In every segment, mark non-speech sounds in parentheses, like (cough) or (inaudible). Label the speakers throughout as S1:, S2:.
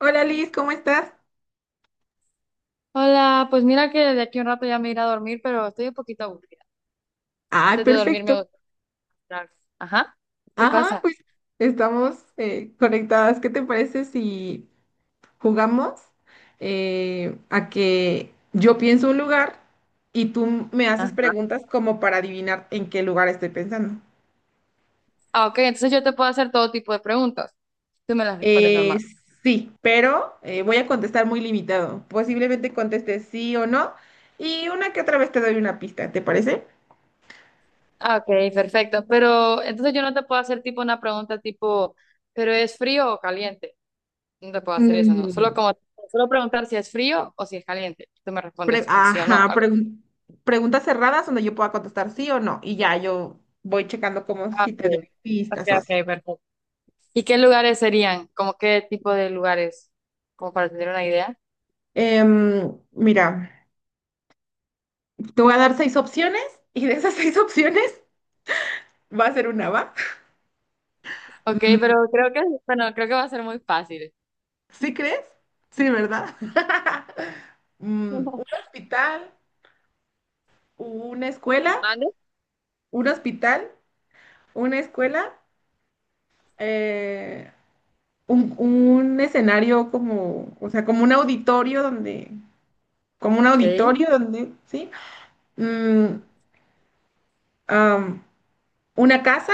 S1: Hola Liz, ¿cómo estás?
S2: Hola, pues mira que de aquí a un rato ya me iré a dormir, pero estoy un poquito aburrida.
S1: Ay,
S2: Antes de dormir me
S1: perfecto.
S2: gusta hacer algo. Ajá. ¿Qué
S1: Ajá,
S2: pasa?
S1: pues estamos conectadas. ¿Qué te parece si jugamos a que yo pienso un lugar y tú me haces
S2: Ajá.
S1: preguntas como para adivinar en qué lugar estoy pensando?
S2: Ah, ok, entonces yo te puedo hacer todo tipo de preguntas. Tú me las respondes
S1: Eh,
S2: normal.
S1: sí, pero voy a contestar muy limitado. Posiblemente conteste sí o no y una que otra vez te doy una pista, ¿te parece?
S2: Ah, ok, perfecto. Pero entonces yo no te puedo hacer tipo una pregunta tipo, ¿pero es frío o caliente? No te puedo hacer eso, no. Solo
S1: Mm,
S2: como, solo preguntar si es frío o si es caliente. Tú me
S1: Pre-
S2: respondes con sí o no.
S1: ajá,
S2: Algo.
S1: pregun- Preguntas cerradas donde yo pueda contestar sí o no. Y ya yo voy checando como
S2: Ah,
S1: si te
S2: ok.
S1: doy
S2: Ok,
S1: pistas o
S2: ok,
S1: así.
S2: perfecto. ¿Y qué lugares serían? ¿Como qué tipo de lugares? Como para tener una idea.
S1: Mira, te voy a dar 6 opciones y de esas (laughs) 6 opciones va a ser una, ¿va?
S2: Ok,
S1: Mm.
S2: pero creo que, bueno, creo que va a ser muy fácil.
S1: ¿Sí crees? Sí, ¿verdad? (laughs) Mm, un
S2: (laughs)
S1: hospital, una escuela,
S2: ¿Mande?
S1: un hospital, una escuela, eh, un escenario como, o sea, como un auditorio donde como un
S2: Ok,
S1: auditorio donde, ¿sí? Mm, am, una casa,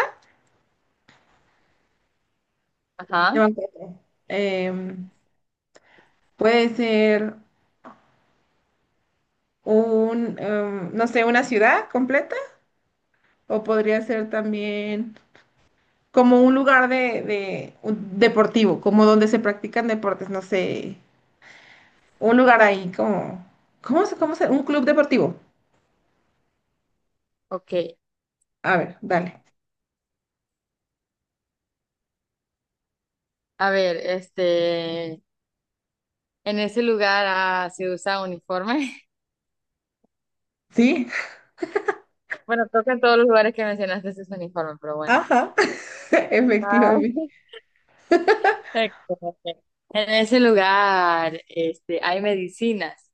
S2: ajá,
S1: ya 4. Em, Puede ser un, no sé, una ciudad completa o podría ser también como un lugar un deportivo, como donde se practican deportes, no sé, un lugar ahí como, cómo se, un club deportivo?
S2: ok.
S1: A ver, dale.
S2: A ver, este, en ese lugar se usa uniforme. (laughs)
S1: Sí,
S2: Bueno, creo que en todos los lugares que mencionaste se usa uniforme, pero bueno.
S1: ajá, (laughs)
S2: Ah,
S1: efectivamente.
S2: (laughs) perfecto, perfecto. En ese lugar, este, hay medicinas,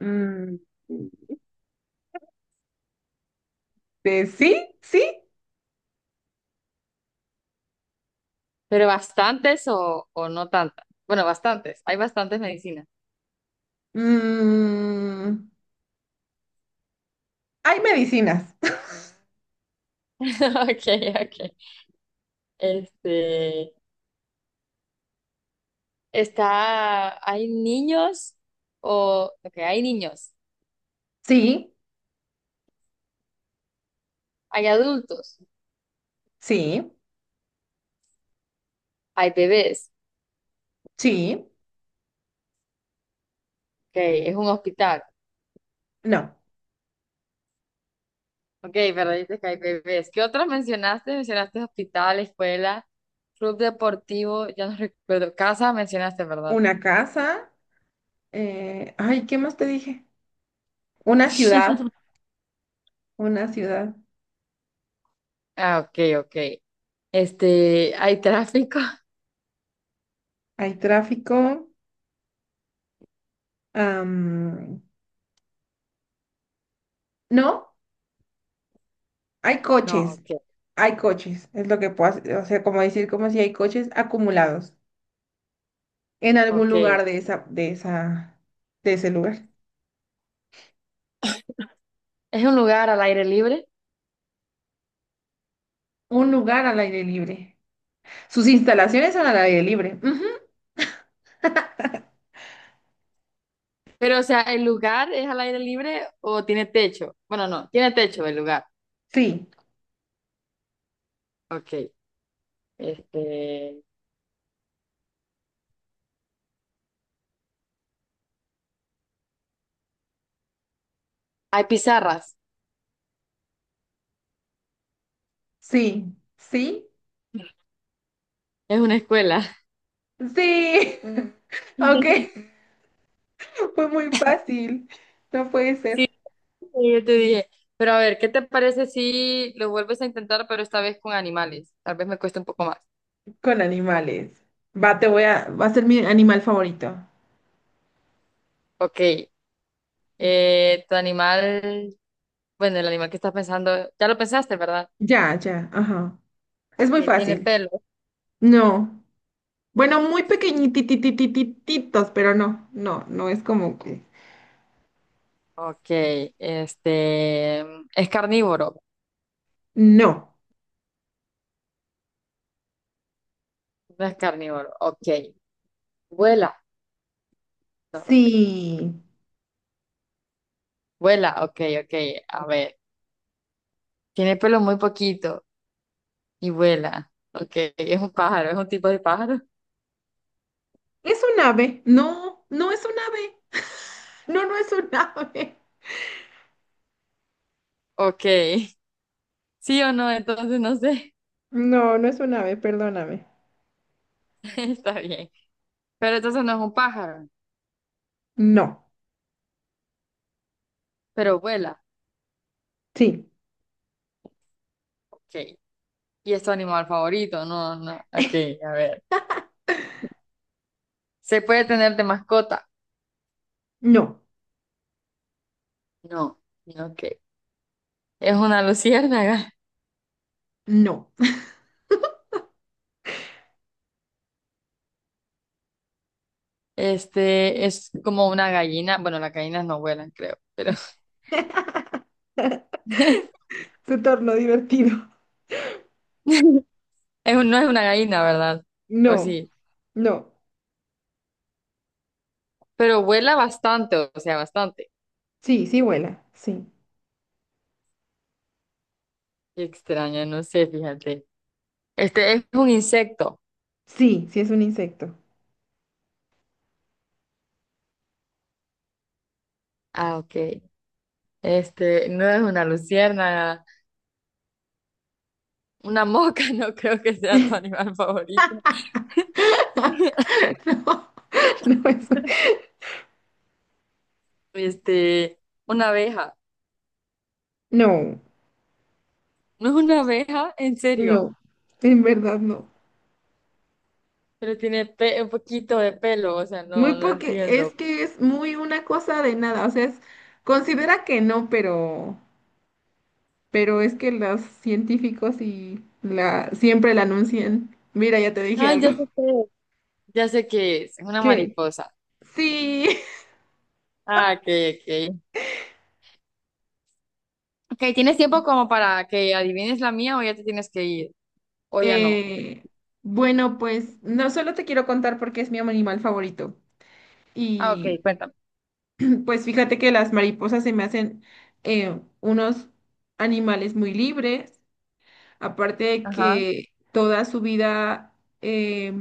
S1: Mm, sí, sí.
S2: pero bastantes o no tantas. Bueno, bastantes, hay bastantes medicinas.
S1: Mm, hay medicinas. (laughs)
S2: (laughs) Ok, ok. Este, está, hay niños o, ok, hay niños,
S1: Sí,
S2: hay adultos,
S1: sí,
S2: hay bebés,
S1: sí,
S2: ok, es un hospital,
S1: no.
S2: ok, pero dices que hay bebés. ¿Qué otros mencionaste? Mencionaste hospital, escuela, club deportivo, ya no recuerdo, casa mencionaste, ¿verdad?
S1: Una casa. Ay, ¿qué más te dije? Una ciudad,
S2: (laughs)
S1: una ciudad.
S2: Ah, ok, ok. Este, ¿hay tráfico? (laughs)
S1: Hay tráfico. am, no, hay
S2: No,
S1: coches.
S2: ok,
S1: Hay coches, es lo que puedo hacer. O sea, como decir, como si hay coches acumulados en algún
S2: ok.
S1: lugar de esa, de ese lugar.
S2: ¿Es un lugar al aire libre?
S1: Un lugar al aire libre. Sus instalaciones son al aire libre. Ujú.
S2: Pero, o sea, ¿el lugar es al aire libre o tiene techo? Bueno, no, tiene techo el lugar,
S1: Sí,
S2: ok. Este, hay pizarras,
S1: sí, sí.
S2: es una escuela.
S1: Sí, mm. (laughs)
S2: (laughs)
S1: Aunque (laughs) fue muy fácil. No puede
S2: Sí,
S1: ser.
S2: sí, yo te dije. Pero a ver, ¿qué te parece si lo vuelves a intentar, pero esta vez con animales? Tal vez me cueste un poco más.
S1: Con animales. Va, te voy a... Va a ser mi animal favorito.
S2: Ok, tu animal, bueno, el animal que estás pensando, ya lo pensaste, ¿verdad?
S1: Ya, ya, ajá. Es muy
S2: Tiene
S1: fácil.
S2: pelo.
S1: No. Bueno, muy pequeñitititititos, pero no, no, no es como que...
S2: Ok, este, es carnívoro,
S1: No.
S2: no es carnívoro. Ok, vuela. No, no es que-
S1: Sí.
S2: vuela, ok, ok. A ver, tiene pelo muy poquito. Y vuela. Ok, (laughs) es un pájaro, es un tipo de pájaro.
S1: Es un ave. No, no es un ave. (laughs) No, no es un (laughs) ave.
S2: Ok, (laughs) sí o no, entonces no sé.
S1: No, no es un ave, perdóname.
S2: (laughs) Está bien. Pero entonces no es un pájaro,
S1: No.
S2: pero vuela.
S1: Sí.
S2: Ok, y es tu animal favorito, no, no. Ok, a ver. ¿Se puede tener de mascota?
S1: No.
S2: No, ok. Es una luciérnaga.
S1: No.
S2: Este es como una gallina. Bueno, las gallinas no vuelan, creo, pero
S1: (laughs)
S2: (laughs)
S1: Se tornó divertido.
S2: es un- no es una gallina, ¿verdad? O
S1: No,
S2: sí,
S1: no.
S2: pero vuela bastante, o sea, bastante.
S1: Sí, sí vuela. Sí.
S2: Qué extraño, no sé, fíjate. Este es un insecto.
S1: Sí, sí es un insecto.
S2: Ah, ok. Este no es una luciérnaga, una mosca, (laughs) no creo que sea tu animal favorito.
S1: (laughs) No es.
S2: Este, una abeja.
S1: No,
S2: No es una abeja, en serio.
S1: no. En verdad no.
S2: Pero tiene pe- un poquito de pelo, o sea, no,
S1: Muy
S2: no
S1: porque es
S2: entiendo.
S1: que es muy una cosa de nada, o sea, es- considera que no, pero es que los científicos y la siempre la anuncian. Mira, ya te dije
S2: Ay,
S1: algo.
S2: ya sé qué es. Ya sé qué es. Es una
S1: ¿Qué?
S2: mariposa.
S1: Sí.
S2: Ah, ok, ok. Ok, ¿tienes tiempo como para que adivines la mía o ya te tienes que ir?
S1: (laughs)
S2: O ya no.
S1: eh, bueno, pues no solo te quiero contar porque es mi animal favorito
S2: Ah, ok,
S1: y
S2: cuéntame.
S1: pues fíjate que las mariposas se me hacen unos animales muy libres, aparte de
S2: Ajá,
S1: que toda su vida eh,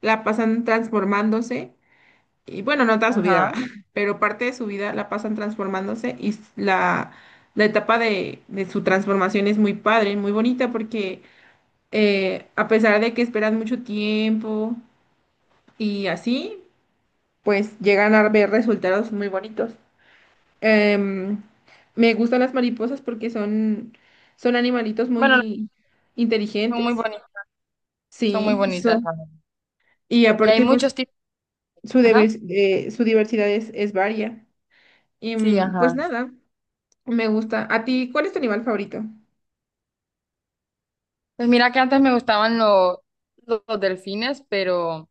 S1: la pasan transformándose, y bueno, no toda su vida, (laughs)
S2: ajá.
S1: va, pero parte de su vida la pasan transformándose y s- la etapa de su transformación es muy padre, muy bonita, porque a pesar de que esperan mucho tiempo y así, pues llegan a ver resultados muy bonitos. Em, Me gustan las mariposas porque son, son animalitos
S2: Bueno, no,
S1: muy
S2: son muy
S1: inteligentes.
S2: bonitas. Son muy
S1: Sí,
S2: bonitas.
S1: eso. Y
S2: Y hay
S1: aparte, pues,
S2: muchos tipos.
S1: su,
S2: Ajá.
S1: deves- su diversidad es varia. Y
S2: Sí,
S1: mm, pues
S2: ajá.
S1: nada, me gusta. ¿A ti cuál es tu animal favorito?
S2: Pues mira que antes me gustaban lo- los delfines, pero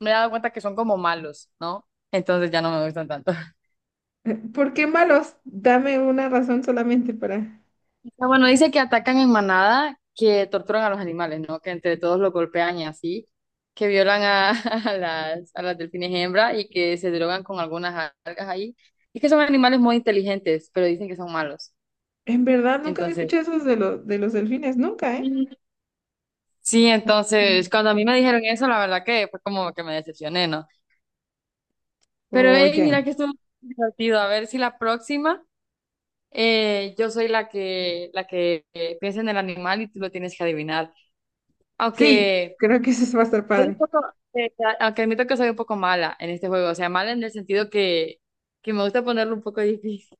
S2: me he dado cuenta que son como malos, ¿no? Entonces ya no me gustan tanto. (laughs)
S1: ¿Por qué malos? Dame una razón solamente para...
S2: Ah, bueno, dice que atacan en manada, que torturan a los animales, ¿no? Que entre todos los golpean y así, que violan a, (laughs) a las delfines hembra y que se drogan con algunas algas ahí. Y que son animales muy inteligentes, pero dicen que son malos.
S1: En verdad, nunca había
S2: Entonces,
S1: escuchado esos de los delfines, nunca, ¿eh?
S2: (laughs) sí,
S1: Mm.
S2: entonces, cuando a mí me dijeron eso, la verdad que fue como que me decepcioné, ¿no? Pero
S1: Oh,
S2: hey,
S1: ya.
S2: mira que estuvo divertido. A ver si la próxima yo soy la que piensa en el animal y tú lo tienes que adivinar.
S1: Sí,
S2: Aunque
S1: creo que eso va a estar
S2: soy un
S1: padre.
S2: poco, eh, aunque admito que soy un poco mala en este juego. O sea, mala en el sentido que me gusta ponerlo un poco difícil.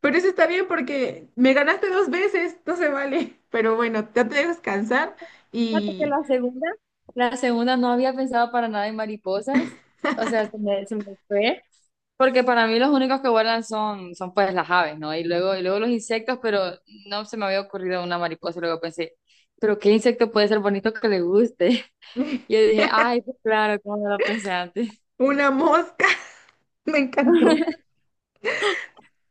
S1: Pero eso está bien porque me ganaste 2 veces, no se vale. Pero bueno, te dejo descansar
S2: (laughs) Fíjate que
S1: y
S2: la segunda no había pensado para nada en mariposas. O sea, se me fue. Porque para mí los únicos que vuelan son, son pues las aves, ¿no? Y luego los insectos, pero no se me había ocurrido una mariposa. Y luego pensé, pero ¿qué insecto puede ser bonito que le guste? (laughs) Y yo
S1: (laughs)
S2: dije, ay, pues claro, ¿cómo no lo pensé antes?
S1: una mosca, (laughs) me encantó.
S2: (laughs)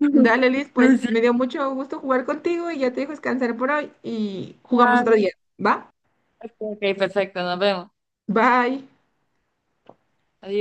S1: Dale, Liz,
S2: No
S1: pues
S2: sé.
S1: me dio mucho gusto jugar contigo y ya te dejo descansar por hoy y jugamos otro día,
S2: Ay,
S1: ¿va?
S2: ok, ok, perfecto, nos vemos.
S1: Bye.
S2: Adiós.